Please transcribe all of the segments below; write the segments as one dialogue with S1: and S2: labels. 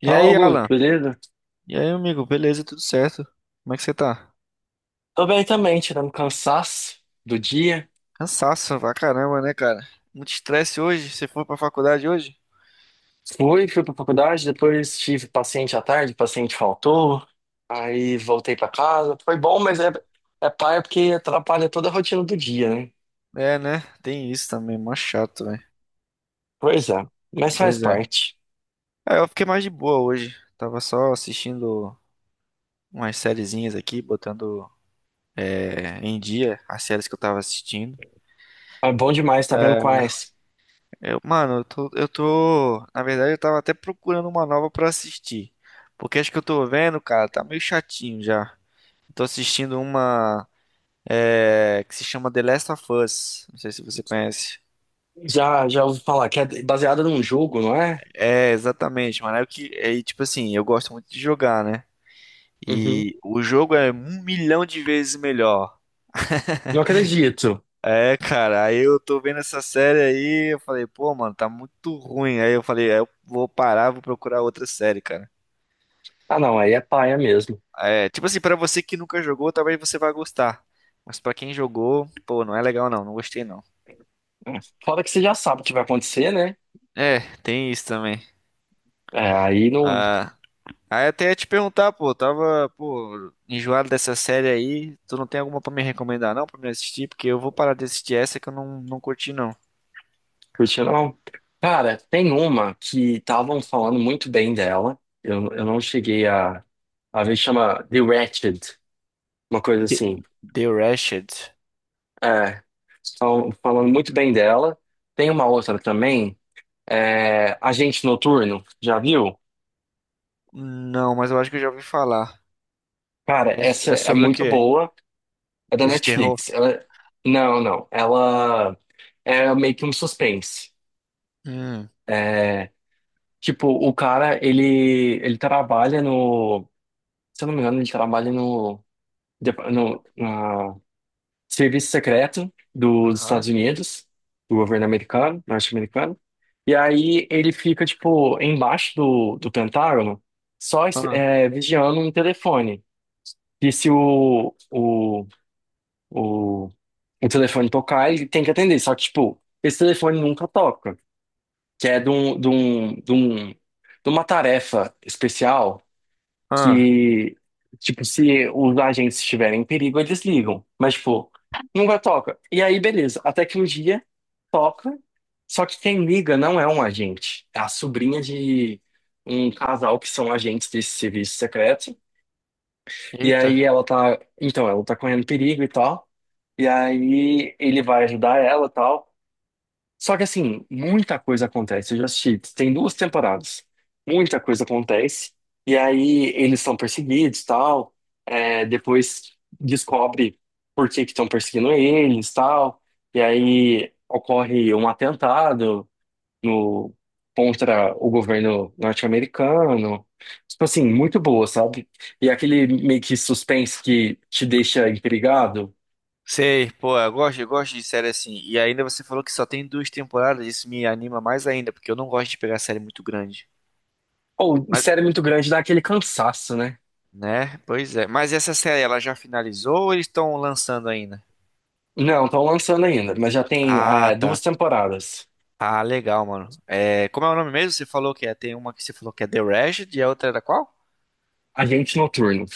S1: E
S2: Fala,
S1: aí,
S2: Augusto,
S1: Alan?
S2: beleza?
S1: E aí, amigo? Beleza, tudo certo? Como é que você tá?
S2: Tô bem também, tirando cansaço do dia.
S1: Cansaço pra caramba, né, cara? Muito estresse hoje? Você foi pra faculdade hoje?
S2: Fui pra faculdade, depois tive paciente à tarde, paciente faltou, aí voltei pra casa. Foi bom, mas é paia porque atrapalha toda a rotina do dia, né?
S1: É, né? Tem isso também, mó chato, velho.
S2: Pois é, mas faz
S1: Pois é.
S2: parte.
S1: Eu fiquei mais de boa hoje. Tava só assistindo umas sériezinhas aqui, botando em dia as séries que eu tava assistindo.
S2: É bom demais, tá vendo quais?
S1: Eu, mano, eu tô. Na verdade, eu tava até procurando uma nova pra assistir. Porque acho que eu tô vendo, cara, tá meio chatinho já. Tô assistindo uma. Que se chama The Last of Us. Não sei se você conhece.
S2: Já ouvi falar que é baseada num jogo, não é?
S1: É, exatamente, mano. É o que, é, e, tipo assim, eu gosto muito de jogar, né?
S2: Uhum.
S1: E o jogo é um milhão de vezes melhor.
S2: Não acredito.
S1: É, cara, aí eu tô vendo essa série aí, eu falei, pô, mano, tá muito ruim. Aí eu falei, eu vou parar, vou procurar outra série, cara.
S2: Ah, não, aí é paia mesmo.
S1: É, tipo assim, pra você que nunca jogou, talvez você vá gostar. Mas pra quem jogou, pô, não é legal não, não gostei não.
S2: É. Fora que você já sabe o que vai acontecer, né?
S1: É, tem isso também.
S2: É, aí não.
S1: Ah, Aí eu até ia te perguntar, pô, eu tava, pô, enjoado dessa série aí. Tu não tem alguma pra me recomendar, não, pra me assistir? Porque eu vou parar de assistir essa que eu não, não curti, não.
S2: Curtiu, não? Cara, tem uma que estavam falando muito bem dela. Eu não cheguei a ver, chama The Wretched, uma coisa
S1: The
S2: assim.
S1: The Wretched?
S2: É, estão falando muito bem dela. Tem uma outra também, Agente Noturno, já viu?
S1: Não, mas eu acho que eu já ouvi falar.
S2: Cara, essa
S1: É
S2: é
S1: sobre o
S2: muito
S1: quê?
S2: boa, é da
S1: É de terror?
S2: Netflix. Não, ela é meio que um suspense.
S1: Hum,
S2: É, tipo, o cara, ele trabalha no... Se eu não me engano, ele trabalha no Depa- no, na- serviço secreto dos
S1: aham,
S2: Estados Unidos, do governo americano, norte-americano. E aí ele fica, tipo, embaixo do Pentágono, só
S1: ah.
S2: vigiando um telefone. E se o, o telefone tocar, ele tem que atender. Só que, tipo, esse telefone nunca toca, que é de uma tarefa especial
S1: Aham.
S2: que, tipo, se os agentes estiverem em perigo, eles ligam. Mas, tipo, nunca toca. E aí, beleza. Até que um dia toca. Só que quem liga não é um agente. É a sobrinha de um casal que são agentes desse serviço secreto. E
S1: Eita.
S2: aí ela tá. Então, ela tá correndo perigo e tal. E aí ele vai ajudar ela e tal. Só que assim, muita coisa acontece. Eu já assisti, tem duas temporadas. Muita coisa acontece. E aí eles são perseguidos, tal. É, depois descobre por que que estão perseguindo eles, tal. E aí ocorre um atentado no contra o governo norte-americano. Tipo assim, muito boa, sabe? E aquele meio que suspense que te deixa intrigado.
S1: Sei, pô, eu gosto de série assim. E ainda você falou que só tem 2 temporadas, isso me anima mais ainda, porque eu não gosto de pegar série muito grande.
S2: Ou série muito grande dá aquele cansaço, né?
S1: Né? Pois é. Mas essa série, ela já finalizou ou eles estão lançando ainda?
S2: Não, estão lançando ainda, mas já tem
S1: Ah, tá.
S2: duas temporadas.
S1: Ah, legal, mano. É, como é o nome mesmo? Você falou que é, tem uma que você falou que é The Rashed e a outra era qual?
S2: Agente Noturno.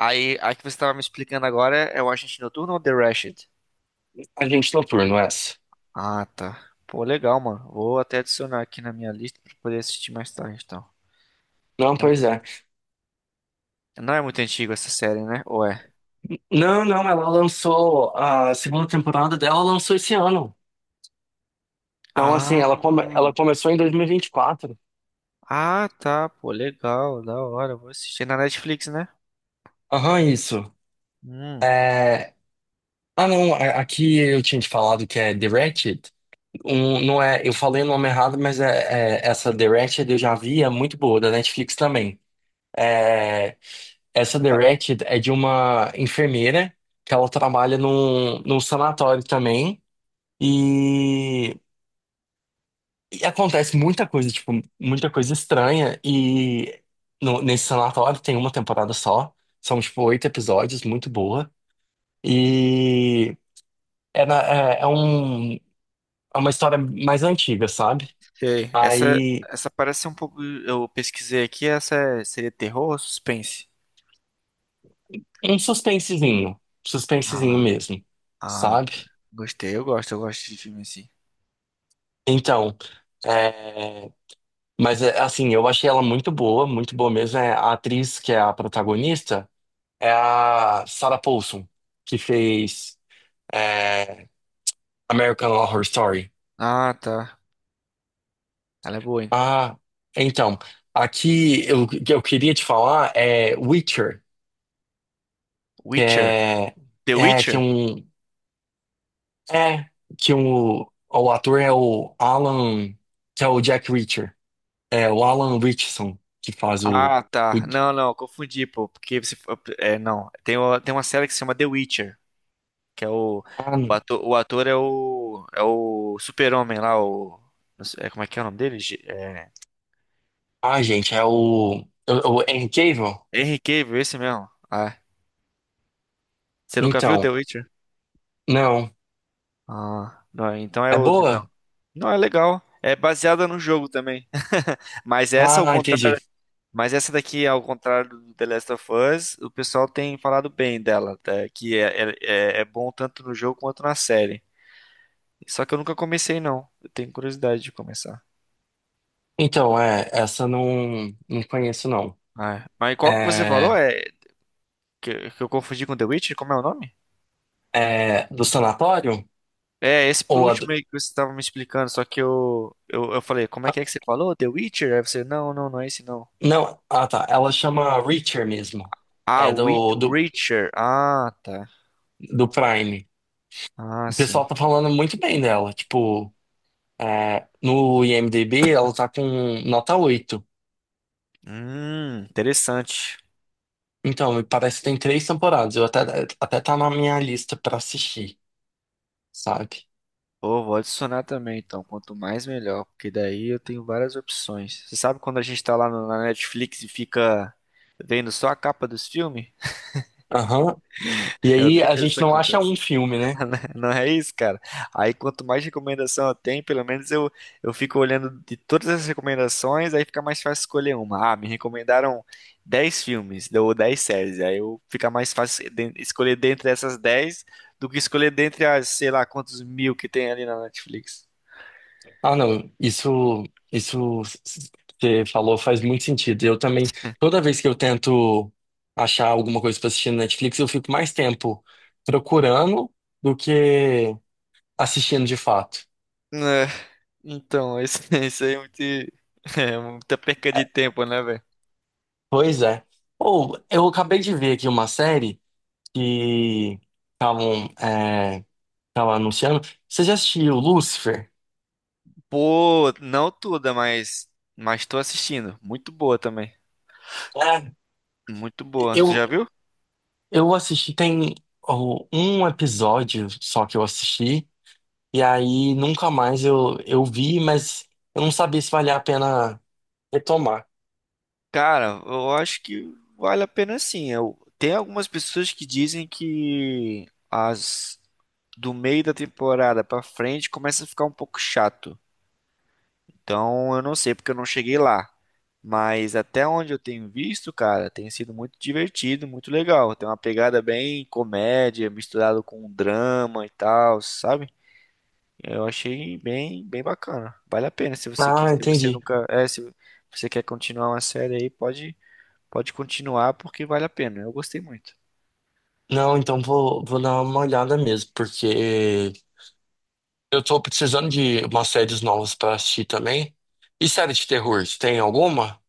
S1: Aí, a que você tava me explicando agora é o Agente Noturno ou The Rashed?
S2: Agente Noturno, essa.
S1: Ah, tá. Pô, legal, mano. Vou até adicionar aqui na minha lista pra poder assistir mais tarde, então.
S2: Não,
S1: É
S2: pois
S1: muito-
S2: é.
S1: Não é muito antigo essa série, né? Ou é?
S2: Não, ela lançou a segunda temporada dela, ela lançou esse ano. Então, assim,
S1: Ah,
S2: ela começou em 2024.
S1: ah, tá. Pô, legal, da hora. Vou assistir na Netflix, né?
S2: Aham, isso.
S1: Hum.
S2: É... Ah, não, aqui eu tinha te falado que é The Ratched. Não é, eu falei o nome errado, mas essa The Ratched eu já vi, é muito boa, da Netflix também. Essa The Wretched é de uma enfermeira que ela trabalha num sanatório também. E, e acontece muita coisa, tipo, muita coisa estranha. E nesse sanatório tem uma temporada só. São, tipo, oito episódios, muito boa. E é, na- é, é um, é uma história mais antiga, sabe?
S1: Sei. Essa,
S2: Aí,
S1: essa parece um pouco. Eu pesquisei aqui, seria terror ou suspense?
S2: um suspensezinho. Suspensezinho
S1: Ah,
S2: mesmo,
S1: ah,
S2: sabe?
S1: gostei, eu gosto de filme assim.
S2: Então. é, Mas, é, assim, eu achei ela muito boa mesmo. É, a atriz que é a protagonista é a Sarah Paulson, que fez é, American Horror Story.
S1: Ah, tá. Ela é boa, hein?
S2: Ah, então, que eu queria te falar é Witcher, que
S1: Witcher? The
S2: é que é
S1: Witcher?
S2: um é que um, o ator é o Alan, que é o Jack Reacher. É o Alan Richardson que faz
S1: Ah,
S2: o
S1: tá. Não, não, confundi, pô. Porque você. É, não. Tem uma série que se chama The Witcher, que é o.
S2: ah,
S1: O ator é o. É o Super-Homem lá, o. não sei- é, Como é que é o nome dele?
S2: gente, é o Henry Cavill.
S1: Henry Cavill, esse mesmo. Ah, você nunca viu The
S2: Então,
S1: Witcher?
S2: não.
S1: Ah, não, então é
S2: É
S1: outro, então.
S2: boa?
S1: Não, é legal. É baseada no jogo também. Mas essa ao
S2: Ah, entendi.
S1: contrário, mas essa daqui ao contrário do The Last of Us, o pessoal tem falado bem dela, tá? É é bom tanto no jogo quanto na série. Só que eu nunca comecei não. Eu tenho curiosidade de começar.
S2: Então, é, essa não, não conheço, não.
S1: Ah, é. Mas qual que você falou?
S2: É,
S1: Que eu confundi com The Witcher? Como é o nome?
S2: é do sanatório?
S1: É, esse por
S2: Ou a do...
S1: último aí que você estava me explicando, só que eu falei, como é
S2: ah,
S1: que é que você falou? The Witcher? Aí você, não é esse não.
S2: não, ah tá, ela chama Reacher mesmo. É
S1: Witcher. Ah, tá.
S2: do Prime.
S1: Ah,
S2: O
S1: sim.
S2: pessoal tá falando muito bem dela. Tipo, é, no IMDb ela tá com nota oito.
S1: Interessante.
S2: Então, me parece que tem três temporadas. Até tá na minha lista pra assistir, sabe?
S1: Pô, vou adicionar também, então. Quanto mais, melhor. Porque daí eu tenho várias opções. Você sabe quando a gente tá lá na Netflix e fica vendo só a capa dos filmes?
S2: Aham. E
S1: Eu
S2: aí
S1: odeio
S2: a
S1: quando
S2: gente
S1: isso
S2: não acha
S1: acontece.
S2: um filme, né?
S1: Não é isso, cara. Aí quanto mais recomendação eu tenho, pelo menos eu fico olhando de todas as recomendações, aí fica mais fácil escolher uma. Ah, me recomendaram 10 filmes ou 10 séries. Aí eu fica mais fácil escolher dentre essas 10 do que escolher dentre as, sei lá, quantos mil que tem ali na Netflix.
S2: Ah, não, isso que você falou faz muito sentido. Eu também, toda vez que eu tento achar alguma coisa pra assistir no Netflix, eu fico mais tempo procurando do que assistindo de fato.
S1: É, esse, esse aí é muito, é muita perca de
S2: É,
S1: tempo, né, velho?
S2: pois é. Ou eu acabei de ver aqui uma série que estavam é, tavam anunciando. Você já assistiu Lucifer?
S1: Pô, não toda, mas tô assistindo. Muito boa também.
S2: É,
S1: Muito boa. Tu já
S2: eu,
S1: viu?
S2: eu assisti, tem ó, um episódio só que eu assisti. E aí nunca mais eu vi, mas eu não sabia se valia a pena retomar.
S1: Cara, eu acho que vale a pena sim. Eu, tem algumas pessoas que dizem que as do meio da temporada pra frente começa a ficar um pouco chato. Então eu não sei porque eu não cheguei lá. Mas até onde eu tenho visto, cara, tem sido muito divertido, muito legal. Tem uma pegada bem comédia, misturado com drama e tal, sabe? Eu achei bem bacana. Vale a pena
S2: Ah,
S1: se você
S2: entendi.
S1: nunca, se você quer continuar uma série aí, pode continuar porque vale a pena. Eu gostei muito.
S2: Não, então vou dar uma olhada mesmo, porque eu tô precisando de umas séries novas pra assistir também. E série de terror, você tem alguma?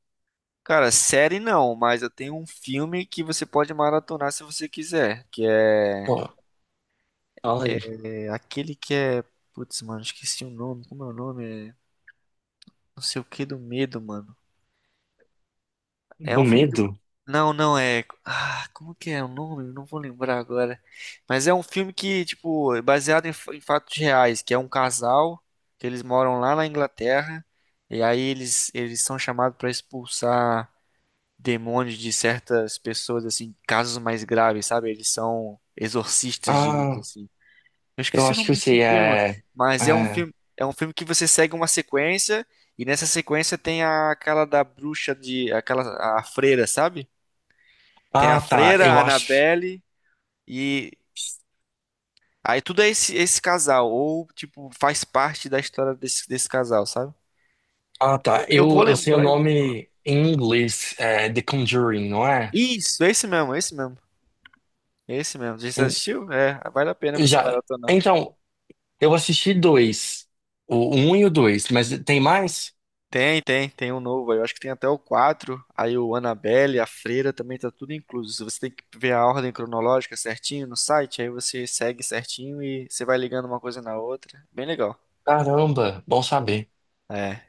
S1: Cara, série não, mas eu tenho um filme que você pode maratonar se você quiser.
S2: Pô, fala aí.
S1: É aquele que é. Putz, mano, esqueci o nome. Como é o nome? É... Não sei o que do medo, mano. É
S2: Do
S1: um filme que.
S2: medo?
S1: Não, não é. Ah, como que é o nome? Eu não vou lembrar agora. Mas é um filme que, tipo, é baseado em, em fatos reais, que é um casal que eles moram lá na Inglaterra e aí eles são chamados pra expulsar demônios de certas pessoas, assim, casos mais graves, sabe? Eles são exorcistas, digamos
S2: Ah,
S1: assim. Eu
S2: eu
S1: esqueci o
S2: acho
S1: nome
S2: que eu
S1: desse
S2: sei,
S1: filme, mano,
S2: é...
S1: mas
S2: é...
S1: é um filme que você segue uma sequência e nessa sequência tem a, aquela da bruxa de, aquela a freira, sabe? Tem a
S2: Ah, tá,
S1: freira, a
S2: eu acho...
S1: Annabelle e aí tudo é esse casal ou tipo faz parte da história desse casal, sabe?
S2: Ah, tá,
S1: Eu vou
S2: eu sei o
S1: lembrar. Eu-
S2: nome em inglês, é The Conjuring, não é?
S1: Isso, É esse mesmo. Já
S2: Em-
S1: assistiu? É, vale a pena você
S2: Já...
S1: maratonar.
S2: Então, eu assisti dois, o um e o dois, mas tem mais?
S1: Tem um novo aí. Eu acho que tem até o 4. Aí o Annabelle, a Freira também tá tudo incluso. Você tem que ver a ordem cronológica certinho no site, aí você segue certinho e você vai ligando uma coisa na outra. Bem legal.
S2: Caramba, bom saber.
S1: É.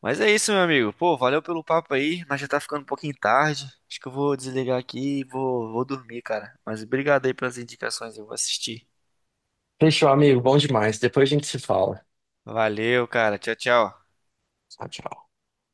S1: Mas é isso, meu amigo. Pô, valeu pelo papo aí, mas já tá ficando um pouquinho tarde. Acho que eu vou desligar aqui e vou dormir, cara. Mas obrigado aí pelas indicações, eu vou assistir.
S2: Fechou, amigo, bom demais. Depois a gente se fala.
S1: Valeu, cara. Tchau, tchau.
S2: Tchau, tchau.